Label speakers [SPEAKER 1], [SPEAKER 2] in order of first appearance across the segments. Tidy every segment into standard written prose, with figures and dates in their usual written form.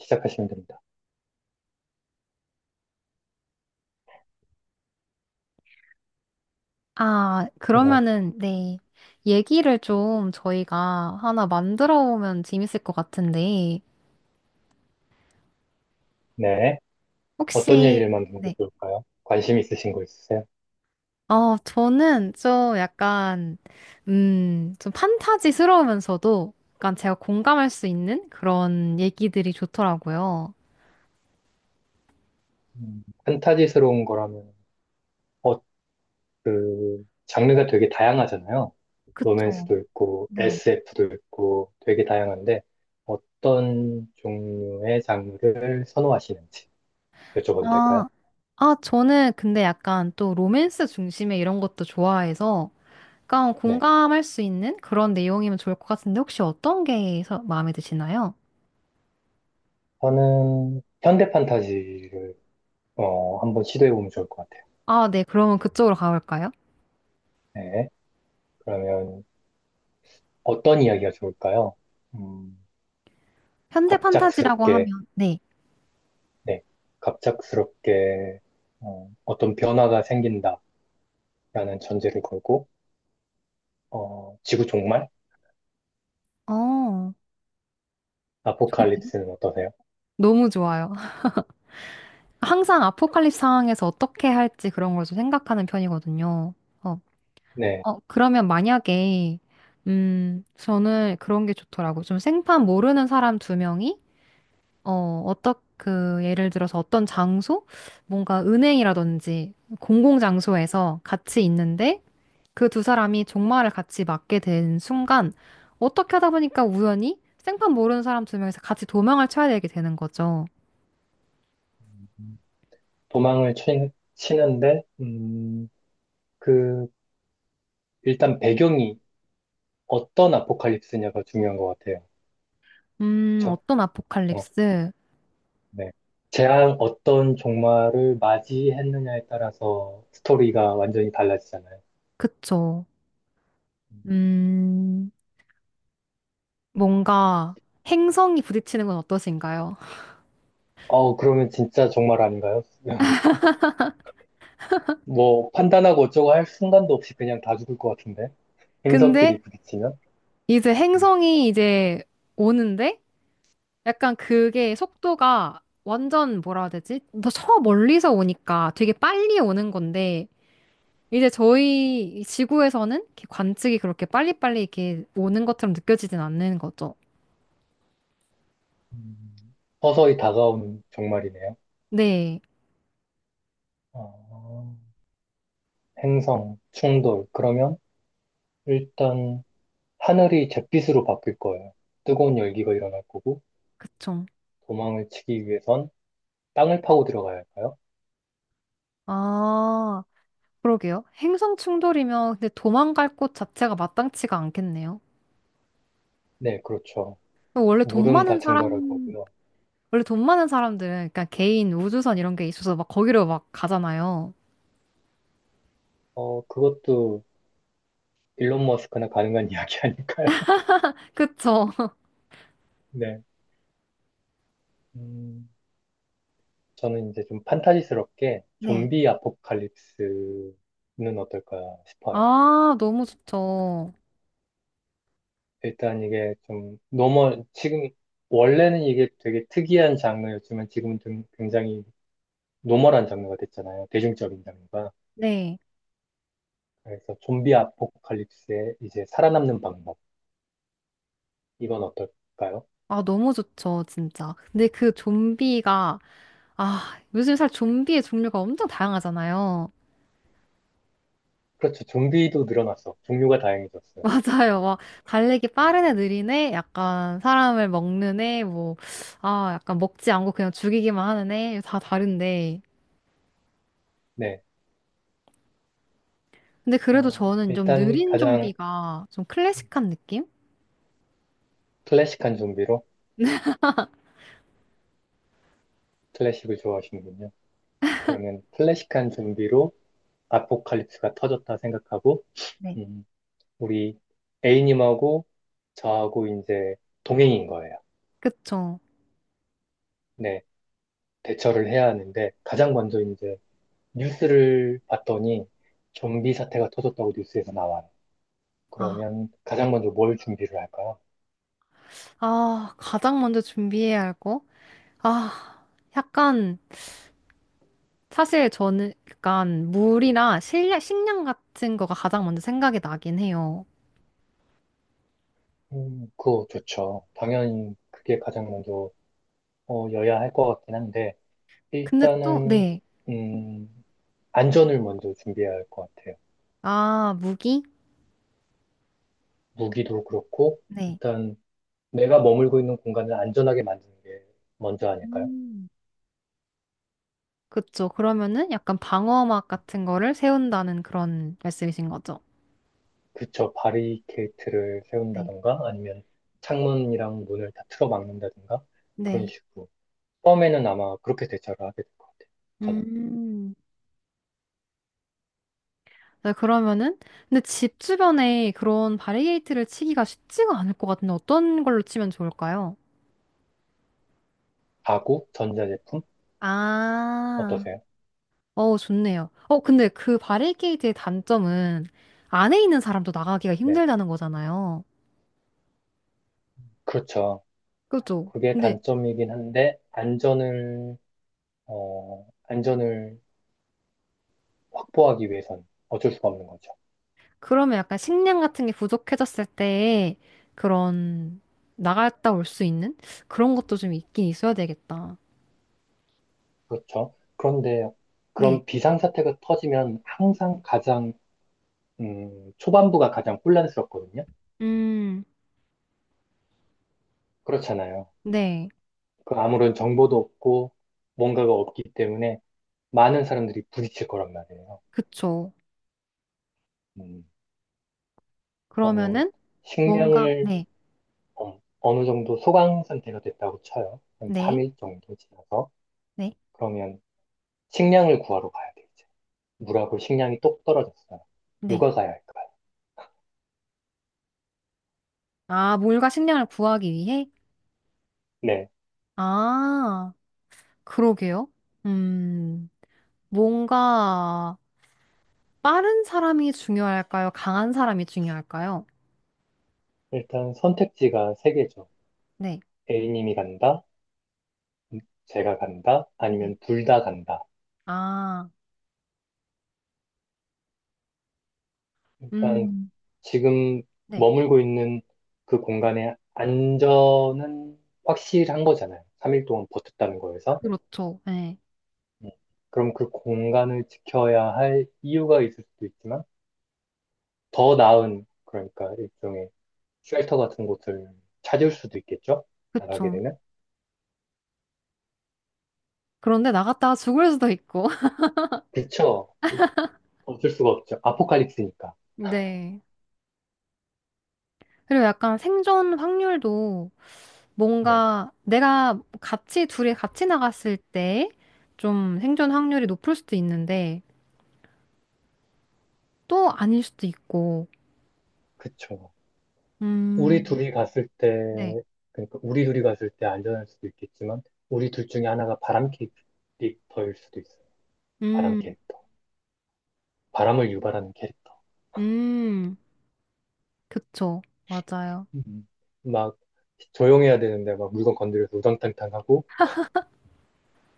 [SPEAKER 1] 시작하시면 됩니다.
[SPEAKER 2] 아,
[SPEAKER 1] 어,
[SPEAKER 2] 그러면은, 네. 얘기를 좀 저희가 하나 만들어 오면 재밌을 것 같은데,
[SPEAKER 1] 네. 어떤
[SPEAKER 2] 혹시,
[SPEAKER 1] 얘기를 만드는 게
[SPEAKER 2] 네.
[SPEAKER 1] 좋을까요? 관심 있으신 거 있으세요?
[SPEAKER 2] 저는 좀 약간, 좀 판타지스러우면서도 약간 제가 공감할 수 있는 그런 얘기들이 좋더라고요.
[SPEAKER 1] 판타지스러운 거라면, 어, 장르가 되게 다양하잖아요.
[SPEAKER 2] 그쵸.
[SPEAKER 1] 로맨스도 있고,
[SPEAKER 2] 네.
[SPEAKER 1] SF도 있고, 되게 다양한데, 어떤 종류의 장르를 선호하시는지 여쭤봐도 될까요?
[SPEAKER 2] 아, 아, 저는 근데 약간 또 로맨스 중심의 이런 것도 좋아해서, 약간
[SPEAKER 1] 네.
[SPEAKER 2] 공감할 수 있는 그런 내용이면 좋을 것 같은데, 혹시 어떤 게 마음에 드시나요?
[SPEAKER 1] 저는 현대 판타지를, 한번 시도해보면 좋을 것 같아요.
[SPEAKER 2] 아, 네. 그러면 그쪽으로 가볼까요?
[SPEAKER 1] 네. 그러면 어떤 이야기가 좋을까요? 음,
[SPEAKER 2] 현대 판타지라고
[SPEAKER 1] 갑작스럽게
[SPEAKER 2] 하면, 네.
[SPEAKER 1] 네, 갑작스럽게 어, 떤 변화가 생긴다라는 전제를 걸고 지구 종말?
[SPEAKER 2] 어, 좋은데요?
[SPEAKER 1] 아포칼립스는 어떠세요?
[SPEAKER 2] 너무 좋아요. 항상 아포칼립스 상황에서 어떻게 할지 그런 걸 좀 생각하는 편이거든요. 어,
[SPEAKER 1] 네,
[SPEAKER 2] 그러면 만약에, 저는 그런 게 좋더라고요. 좀 생판 모르는 사람 두 명이, 어, 예를 들어서 어떤 장소? 뭔가 은행이라든지 공공장소에서 같이 있는데, 그 두 사람이 종말을 같이 맞게 된 순간 어떻게 하다 보니까 우연히 생판 모르는 사람 두 명이서 같이 도망을 쳐야 되게 되는 거죠.
[SPEAKER 1] 도망을 치는데 그 일단 배경이 어떤 아포칼립스냐가 중요한 것 같아요. 그렇죠?
[SPEAKER 2] 어떤
[SPEAKER 1] 어,
[SPEAKER 2] 아포칼립스?
[SPEAKER 1] 네. 재앙 어떤 종말을 맞이했느냐에 따라서 스토리가 완전히 달라지잖아요.
[SPEAKER 2] 그쵸.
[SPEAKER 1] 음.
[SPEAKER 2] 음, 뭔가 행성이 부딪히는 건 어떠신가요?
[SPEAKER 1] 어, 그러면 진짜 종말 아닌가요? 뭐 판단하고 어쩌고 할 순간도 없이 그냥 다 죽을 것 같은데.
[SPEAKER 2] 근데
[SPEAKER 1] 행성끼리 부딪히면.
[SPEAKER 2] 이제
[SPEAKER 1] 음.
[SPEAKER 2] 행성이 이제 오는데 약간 그게 속도가 완전 뭐라 해야 되지? 더 저 멀리서 오니까 되게 빨리 오는 건데 이제 저희 이 지구에서는 이렇게 관측이 그렇게 빨리빨리 이렇게 오는 것처럼 느껴지진 않는 거죠.
[SPEAKER 1] 음, 서서히 다가오는 정말이네요.
[SPEAKER 2] 네,
[SPEAKER 1] 아, 행성, 충돌. 그러면 일단 하늘이 잿빛으로 바뀔 거예요. 뜨거운 열기가 일어날 거고,
[SPEAKER 2] 그쵸.
[SPEAKER 1] 도망을 치기 위해선 땅을 파고 들어가야 할까요?
[SPEAKER 2] 아, 그러게요. 행성 충돌이면 근데 도망갈 곳 자체가 마땅치가 않겠네요.
[SPEAKER 1] 네, 그렇죠.
[SPEAKER 2] 원래 돈
[SPEAKER 1] 물은 다
[SPEAKER 2] 많은
[SPEAKER 1] 증발할
[SPEAKER 2] 사람,
[SPEAKER 1] 거고요.
[SPEAKER 2] 원래 돈 많은 사람들은 그러니까 개인 우주선 이런 게 있어서 막 거기로 막 가잖아요.
[SPEAKER 1] 어, 그것도 일론 머스크나 가능한 이야기 아닐까요?
[SPEAKER 2] 그쵸.
[SPEAKER 1] 네. 음, 저는 이제 좀 판타지스럽게
[SPEAKER 2] 네.
[SPEAKER 1] 좀비 아포칼립스는 어떨까 싶어요.
[SPEAKER 2] 아, 너무 좋죠.
[SPEAKER 1] 일단 이게 좀 노멀, 지금, 원래는 이게 되게 특이한 장르였지만 지금은 좀 굉장히 노멀한 장르가 됐잖아요. 대중적인 장르가.
[SPEAKER 2] 네.
[SPEAKER 1] 그래서 좀비 아포칼립스의 이제 살아남는 방법. 이건 어떨까요?
[SPEAKER 2] 아, 너무 좋죠, 진짜. 근데 그 좀비가 요즘 살 좀비의 종류가 엄청 다양하잖아요.
[SPEAKER 1] 그렇죠. 좀비도 늘어났어. 종류가 다양해졌어요. 이제.
[SPEAKER 2] 맞아요. 막, 달리기 빠른 애, 느린 애, 약간 사람을 먹는 애, 뭐, 아, 약간 먹지 않고 그냥 죽이기만 하는 애, 다 다른데.
[SPEAKER 1] 네.
[SPEAKER 2] 근데 그래도
[SPEAKER 1] 어,
[SPEAKER 2] 저는 좀
[SPEAKER 1] 일단
[SPEAKER 2] 느린
[SPEAKER 1] 가장
[SPEAKER 2] 좀비가 좀 클래식한 느낌?
[SPEAKER 1] 클래식한 좀비로, 클래식을 좋아하시는군요. 그러면 클래식한 좀비로 아포칼립스가 터졌다 생각하고,
[SPEAKER 2] 네.
[SPEAKER 1] 음, 우리 A님하고 저하고 이제 동행인 거예요.
[SPEAKER 2] 그쵸.
[SPEAKER 1] 네, 대처를 해야 하는데, 가장 먼저 이제 뉴스를 봤더니 좀비 사태가 터졌다고 뉴스에서 나와요.
[SPEAKER 2] 아,
[SPEAKER 1] 그러면 가장 먼저 뭘 준비를 할까요?
[SPEAKER 2] 가장 먼저 준비해야 할 거? 아, 약간, 사실 저는 약간 물이나 식량 같은 거가 가장 먼저 생각이 나긴 해요.
[SPEAKER 1] 그거 좋죠. 당연히 그게 가장 먼저 여야 할 것 같긴 한데,
[SPEAKER 2] 근데 또,
[SPEAKER 1] 일단은,
[SPEAKER 2] 네.
[SPEAKER 1] 음, 안전을 먼저 준비해야 할 것 같아요.
[SPEAKER 2] 아, 무기?
[SPEAKER 1] 무기도 그렇고,
[SPEAKER 2] 네.
[SPEAKER 1] 일단 내가 머물고 있는 공간을 안전하게 만드는 게 먼저 아닐까요?
[SPEAKER 2] 음. 그쵸. 그러면은 약간 방어막 같은 거를 세운다는 그런 말씀이신 거죠?
[SPEAKER 1] 그쵸, 바리케이트를
[SPEAKER 2] 네.
[SPEAKER 1] 세운다던가 아니면 창문이랑 문을 다 틀어 막는다든가
[SPEAKER 2] 네.
[SPEAKER 1] 그런 식으로. 처음에는 아마 그렇게 대처를 하게 될 것 같아요. 저는.
[SPEAKER 2] 음. 네, 그러면은, 근데 집 주변에 그런 바리게이트를 치기가 쉽지가 않을 것 같은데 어떤 걸로 치면 좋을까요?
[SPEAKER 1] 가구, 전자제품,
[SPEAKER 2] 아,
[SPEAKER 1] 어떠세요?
[SPEAKER 2] 좋네요. 근데 그 바리게이트의 단점은 안에 있는 사람도 나가기가
[SPEAKER 1] 네.
[SPEAKER 2] 힘들다는 거잖아요.
[SPEAKER 1] 그렇죠.
[SPEAKER 2] 그죠?
[SPEAKER 1] 그게
[SPEAKER 2] 근데
[SPEAKER 1] 단점이긴 한데, 안전을 확보하기 위해선 어쩔 수가 없는 거죠.
[SPEAKER 2] 그러면 약간 식량 같은 게 부족해졌을 때 그런 나갔다 올 수 있는 그런 것도 좀 있긴 있어야 되겠다.
[SPEAKER 1] 그렇죠. 그런데
[SPEAKER 2] 네.
[SPEAKER 1] 그런 비상사태가 터지면 항상 가장 초반부가 가장 혼란스럽거든요.
[SPEAKER 2] 음,
[SPEAKER 1] 그렇잖아요.
[SPEAKER 2] 네.
[SPEAKER 1] 그 아무런 정보도 없고 뭔가가 없기 때문에 많은 사람들이 부딪힐 거란 말이에요.
[SPEAKER 2] 그쵸.
[SPEAKER 1] 음, 그러면
[SPEAKER 2] 그러면은 뭔가,
[SPEAKER 1] 식량을
[SPEAKER 2] 네,
[SPEAKER 1] 어, 어느 정도 소강 상태가 됐다고 쳐요. 한
[SPEAKER 2] 네,
[SPEAKER 1] 3일 정도 지나서.
[SPEAKER 2] 네,
[SPEAKER 1] 그러면 식량을 구하러 가야 돼, 이제. 물하고 식량이 똑 떨어졌어요.
[SPEAKER 2] 네.
[SPEAKER 1] 누가 가야 할까요?
[SPEAKER 2] 아, 물과 식량을 구하기 위해?
[SPEAKER 1] 네.
[SPEAKER 2] 아, 그러게요. 음, 뭔가 빠른 사람이 중요할까요? 강한 사람이 중요할까요?
[SPEAKER 1] 일단 선택지가 세 개죠.
[SPEAKER 2] 네.
[SPEAKER 1] A님이 간다, 제가 간다,
[SPEAKER 2] 네.
[SPEAKER 1] 아니면 둘 다 간다.
[SPEAKER 2] 아,
[SPEAKER 1] 일단
[SPEAKER 2] 음,
[SPEAKER 1] 지금
[SPEAKER 2] 네.
[SPEAKER 1] 머물고 있는 그 공간의 안전은 확실한 거잖아요. 3일 동안 버텼다는 거에서.
[SPEAKER 2] 그렇죠. 네.
[SPEAKER 1] 음, 그럼 그 공간을 지켜야 할 이유가 있을 수도 있지만, 더 나은, 그러니까 일종의 쉘터 같은 곳을 찾을 수도 있겠죠? 나가게
[SPEAKER 2] 그쵸.
[SPEAKER 1] 되면?
[SPEAKER 2] 그런데 나갔다가 죽을 수도 있고.
[SPEAKER 1] 그쵸. 없을 수가 없죠. 아포칼립스니까.
[SPEAKER 2] 네. 그리고 약간 생존 확률도
[SPEAKER 1] 네,
[SPEAKER 2] 뭔가 내가 같이, 둘이 같이 나갔을 때 좀 생존 확률이 높을 수도 있는데 또 아닐 수도 있고.
[SPEAKER 1] 그쵸. 우리
[SPEAKER 2] 음,
[SPEAKER 1] 둘이 갔을 때,
[SPEAKER 2] 네.
[SPEAKER 1] 그러니까 우리 둘이 갔을 때 안전할 수도 있겠지만, 우리 둘 중에 하나가 바람캐릭터일 수도 있어요. 바람
[SPEAKER 2] 음,
[SPEAKER 1] 캐릭터. 바람을 유발하는 캐릭터.
[SPEAKER 2] 음, 그쵸. 맞아요.
[SPEAKER 1] 음. 막 조용해야 되는데 막 물건 건드려서 우당탕탕하고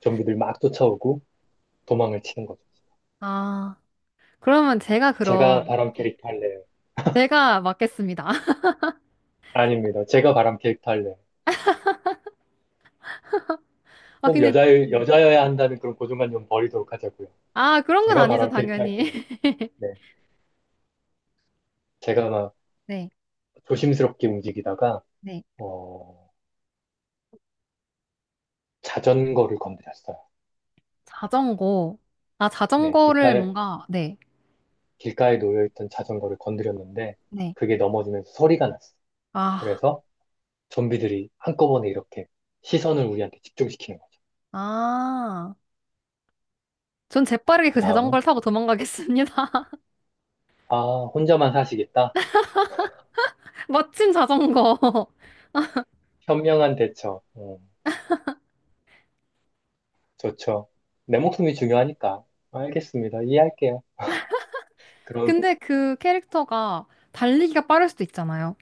[SPEAKER 1] 좀비들 막 쫓아오고 도망을 치는 거죠.
[SPEAKER 2] 아, 그러면
[SPEAKER 1] 제가 바람 캐릭터 할래요.
[SPEAKER 2] 제가 맞겠습니다.
[SPEAKER 1] 아닙니다. 제가 바람 캐릭터 할래요.
[SPEAKER 2] 아,
[SPEAKER 1] 꼭
[SPEAKER 2] 근데,
[SPEAKER 1] 여자,
[SPEAKER 2] 네.
[SPEAKER 1] 여자여야 한다는 그런 고정관념 버리도록 하자고요.
[SPEAKER 2] 아, 그런 건
[SPEAKER 1] 제가
[SPEAKER 2] 아니죠,
[SPEAKER 1] 바람 캐릭터
[SPEAKER 2] 당연히.
[SPEAKER 1] 할게요. 네. 제가 막
[SPEAKER 2] 네,
[SPEAKER 1] 조심스럽게 움직이다가,
[SPEAKER 2] 네.
[SPEAKER 1] 어, 자전거를 건드렸어요.
[SPEAKER 2] 자전거. 아,
[SPEAKER 1] 네.
[SPEAKER 2] 자전거를 뭔가, 네.
[SPEAKER 1] 길가에 놓여있던 자전거를 건드렸는데,
[SPEAKER 2] 네.
[SPEAKER 1] 그게 넘어지면서 소리가 났어요.
[SPEAKER 2] 아,
[SPEAKER 1] 그래서 좀비들이 한꺼번에 이렇게 시선을 우리한테 집중시키는 거죠.
[SPEAKER 2] 아. 전 재빠르게
[SPEAKER 1] 그
[SPEAKER 2] 그
[SPEAKER 1] 다음은,
[SPEAKER 2] 자전거를 타고 도망가겠습니다.
[SPEAKER 1] 아, 혼자만 사시겠다?
[SPEAKER 2] 멋진 자전거.
[SPEAKER 1] 현명한 대처. 어, 좋죠. 내 목숨이 중요하니까. 알겠습니다. 이해할게요. 그럼
[SPEAKER 2] 근데 그 캐릭터가 달리기가 빠를 수도 있잖아요.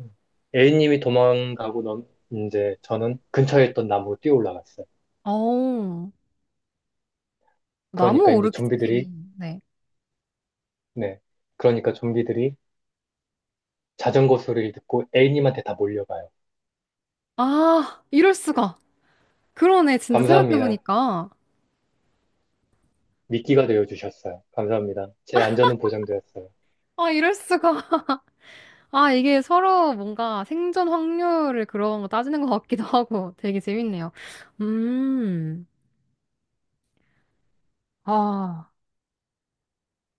[SPEAKER 1] 음, A님이 도망가고 넌, 이제 저는 근처에 있던 나무로 뛰어 올라갔어요.
[SPEAKER 2] 어우, 나무
[SPEAKER 1] 그러니까 이제
[SPEAKER 2] 오르기 스킬이. 네.
[SPEAKER 1] 네. 그러니까 좀비들이 자전거 소리를 듣고 A님한테 다 몰려가요.
[SPEAKER 2] 아, 이럴 수가. 그러네, 진짜
[SPEAKER 1] 감사합니다.
[SPEAKER 2] 생각해보니까.
[SPEAKER 1] 미끼가 되어주셨어요. 감사합니다. 제 안전은 보장되었어요.
[SPEAKER 2] 아, 이럴 수가. 아, 이게 서로 뭔가 생존 확률을 그런 거 따지는 것 같기도 하고 되게 재밌네요. 음, 아.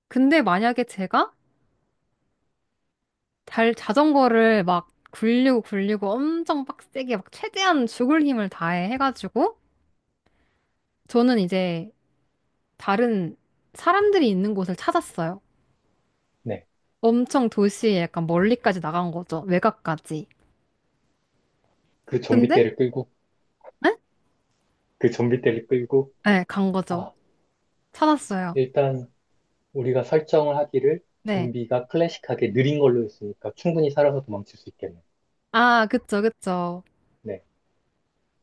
[SPEAKER 2] 근데 만약에 제가 달 자전거를 막 굴리고 굴리고 엄청 빡세게 막 최대한 죽을 힘을 다해 해가지고 저는 이제 다른 사람들이 있는 곳을 찾았어요.
[SPEAKER 1] 네.
[SPEAKER 2] 엄청 도시에 약간 멀리까지 나간 거죠. 외곽까지.
[SPEAKER 1] 그 좀비
[SPEAKER 2] 근데
[SPEAKER 1] 떼를 끌고
[SPEAKER 2] 네?
[SPEAKER 1] 그 좀비 떼를 끌고,
[SPEAKER 2] 네, 간 거죠.
[SPEAKER 1] 아,
[SPEAKER 2] 찾았어요.
[SPEAKER 1] 일단 우리가 설정을 하기를
[SPEAKER 2] 네.
[SPEAKER 1] 좀비가 클래식하게 느린 걸로 했으니까 충분히 살아서 도망칠 수 있겠네.
[SPEAKER 2] 아, 그쵸, 그쵸.
[SPEAKER 1] 네.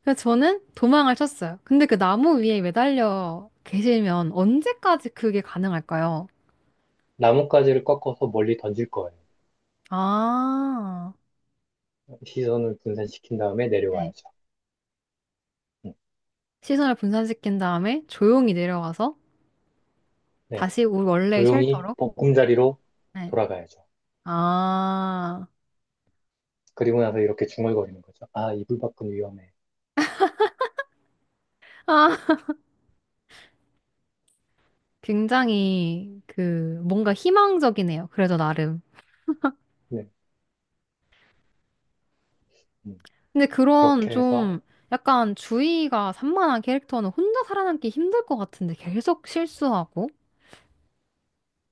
[SPEAKER 2] 그래서 저는 도망을 쳤어요. 근데 그 나무 위에 매달려 계시면 언제까지 그게 가능할까요?
[SPEAKER 1] 나뭇가지를 꺾어서 멀리 던질 거예요.
[SPEAKER 2] 아,
[SPEAKER 1] 시선을 분산시킨 다음에 내려와야죠. 음,
[SPEAKER 2] 시선을 분산시킨 다음에 조용히 내려와서
[SPEAKER 1] 네.
[SPEAKER 2] 다시 우리 원래의
[SPEAKER 1] 조용히
[SPEAKER 2] 쉘터로.
[SPEAKER 1] 보금자리로
[SPEAKER 2] 네.
[SPEAKER 1] 돌아가야죠.
[SPEAKER 2] 아,
[SPEAKER 1] 그리고 나서 이렇게 중얼거리는 거죠. 아, 이불 밖은 위험해.
[SPEAKER 2] 아, 굉장히 그 뭔가 희망적이네요. 그래도 나름.
[SPEAKER 1] 네. 음,
[SPEAKER 2] 근데 그런
[SPEAKER 1] 그렇게 해서,
[SPEAKER 2] 좀 약간 주의가 산만한 캐릭터는 혼자 살아남기 힘들 것 같은데 계속 실수하고.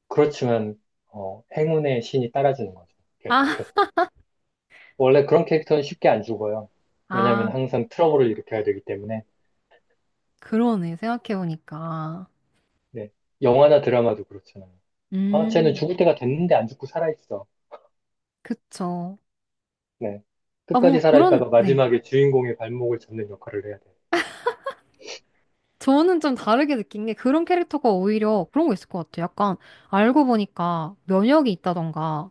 [SPEAKER 1] 그렇지만, 어, 행운의 신이 따라주는 거죠.
[SPEAKER 2] 아,
[SPEAKER 1] 계속해서. 원래 그런 캐릭터는 쉽게 안 죽어요. 왜냐면
[SPEAKER 2] 아,
[SPEAKER 1] 항상 트러블을 일으켜야 되기 때문에.
[SPEAKER 2] 그러네. 생각해보니까.
[SPEAKER 1] 네. 영화나 드라마도 그렇잖아요. 아, 쟤는
[SPEAKER 2] 음,
[SPEAKER 1] 죽을 때가 됐는데 안 죽고 살아있어.
[SPEAKER 2] 그쵸.
[SPEAKER 1] 네.
[SPEAKER 2] 아, 뭔가
[SPEAKER 1] 끝까지
[SPEAKER 2] 그런,
[SPEAKER 1] 살아있다가
[SPEAKER 2] 네.
[SPEAKER 1] 마지막에 주인공의 발목을 잡는 역할을 해야 돼요.
[SPEAKER 2] 저는 좀 다르게 느낀 게 그런 캐릭터가 오히려 그런 거 있을 것 같아요. 약간 알고 보니까 면역이 있다던가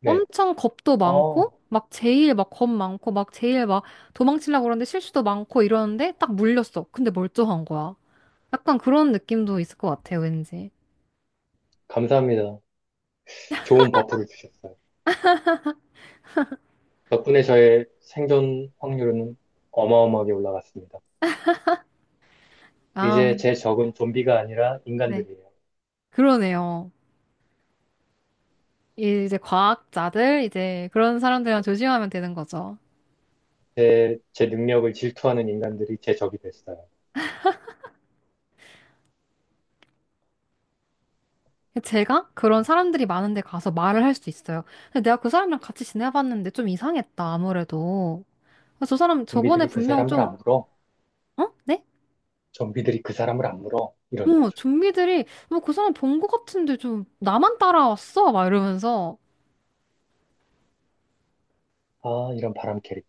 [SPEAKER 1] 네.
[SPEAKER 2] 엄청 겁도 많고
[SPEAKER 1] 어,
[SPEAKER 2] 막 제일 막 겁 많고 막 제일 막 도망치려고 그러는데 실수도 많고 이러는데 딱 물렸어. 근데 멀쩡한 거야. 약간 그런 느낌도 있을 것 같아요, 왠지.
[SPEAKER 1] 감사합니다. 좋은 버프를 주셨어요. 덕분에 저의 생존 확률은 어마어마하게 올라갔습니다.
[SPEAKER 2] 아,
[SPEAKER 1] 이제 제 적은 좀비가 아니라
[SPEAKER 2] 네.
[SPEAKER 1] 인간들이에요.
[SPEAKER 2] 그러네요. 이제 과학자들, 이제 그런 사람들이랑 조심하면 되는 거죠.
[SPEAKER 1] 제 능력을 질투하는 인간들이 제 적이 됐어요.
[SPEAKER 2] 제가 그런
[SPEAKER 1] 아,
[SPEAKER 2] 사람들이 많은데 가서 말을 할 수 있어요. 근데 내가 그 사람이랑 같이 지내봤는데 좀 이상했다, 아무래도. 아, 저 사람 저번에
[SPEAKER 1] 좀비들이 그
[SPEAKER 2] 분명
[SPEAKER 1] 사람을
[SPEAKER 2] 좀,
[SPEAKER 1] 안 물어.
[SPEAKER 2] 어? 네?
[SPEAKER 1] 좀비들이 그 사람을 안 물어. 이런
[SPEAKER 2] 어,
[SPEAKER 1] 거죠.
[SPEAKER 2] 좀비들이, 뭐 그 사람 본 것 같은데 좀 나만 따라왔어? 막 이러면서.
[SPEAKER 1] 아, 이런 바람캐리.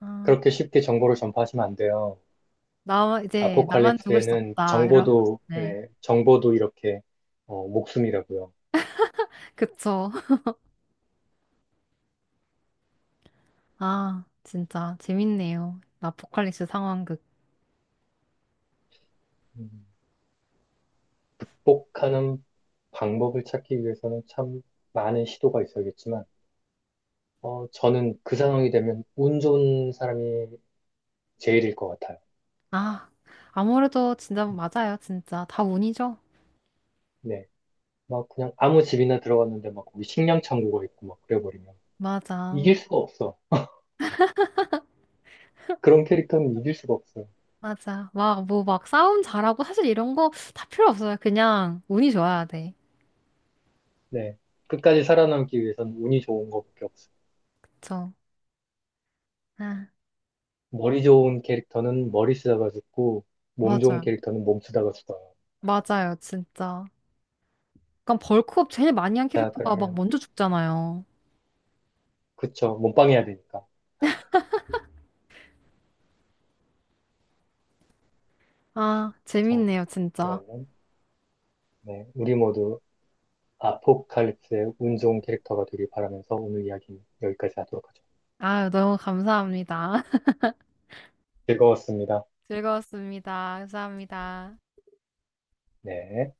[SPEAKER 2] 아,
[SPEAKER 1] 그렇게 쉽게 정보를 전파하시면 안 돼요.
[SPEAKER 2] 나, 이제 나만 죽을 수
[SPEAKER 1] 아포칼립스에는
[SPEAKER 2] 없다. 이런,
[SPEAKER 1] 정보도,
[SPEAKER 2] 네.
[SPEAKER 1] 네, 정보도 이렇게, 어, 목숨이라고요.
[SPEAKER 2] 그쵸. 아, 진짜 재밌네요. 아포칼립스 상황극.
[SPEAKER 1] 음, 극복하는 방법을 찾기 위해서는 참 많은 시도가 있어야겠지만, 어, 저는 그 상황이 되면 운 좋은 사람이 제일일 것 같아요.
[SPEAKER 2] 아, 아무래도 진짜
[SPEAKER 1] 음,
[SPEAKER 2] 맞아요. 진짜 다 운이죠.
[SPEAKER 1] 네. 막 그냥 아무 집이나 들어갔는데 막 거기 식량 창고가 있고 막 그래버리면
[SPEAKER 2] 맞아.
[SPEAKER 1] 이길 수가 없어. 그런 캐릭터는 이길 수가 없어.
[SPEAKER 2] 맞아. 막, 뭐, 막 싸움 잘하고 사실 이런 거 다 필요 없어요. 그냥 운이 좋아야 돼.
[SPEAKER 1] 네. 끝까지 살아남기 위해선 운이 좋은 것밖에 없어요.
[SPEAKER 2] 그쵸. 아,
[SPEAKER 1] 머리 좋은 캐릭터는 머리 쓰다가 죽고, 몸 좋은
[SPEAKER 2] 맞아요.
[SPEAKER 1] 캐릭터는 몸 쓰다가 죽어요.
[SPEAKER 2] 맞아요, 진짜. 약간 벌크업 제일 많이 한
[SPEAKER 1] 자,
[SPEAKER 2] 캐릭터가 막
[SPEAKER 1] 그러면,
[SPEAKER 2] 먼저 죽잖아요.
[SPEAKER 1] 그쵸. 몸빵해야 되니까.
[SPEAKER 2] 아,
[SPEAKER 1] 자,
[SPEAKER 2] 재밌네요, 진짜.
[SPEAKER 1] 그러면, 네. 우리 모두 아포칼립스의 운 좋은 캐릭터가 되길 바라면서 오늘 이야기 여기까지 하도록 하죠.
[SPEAKER 2] 아유, 너무 감사합니다.
[SPEAKER 1] 즐거웠습니다.
[SPEAKER 2] 즐거웠습니다. 감사합니다.
[SPEAKER 1] 네.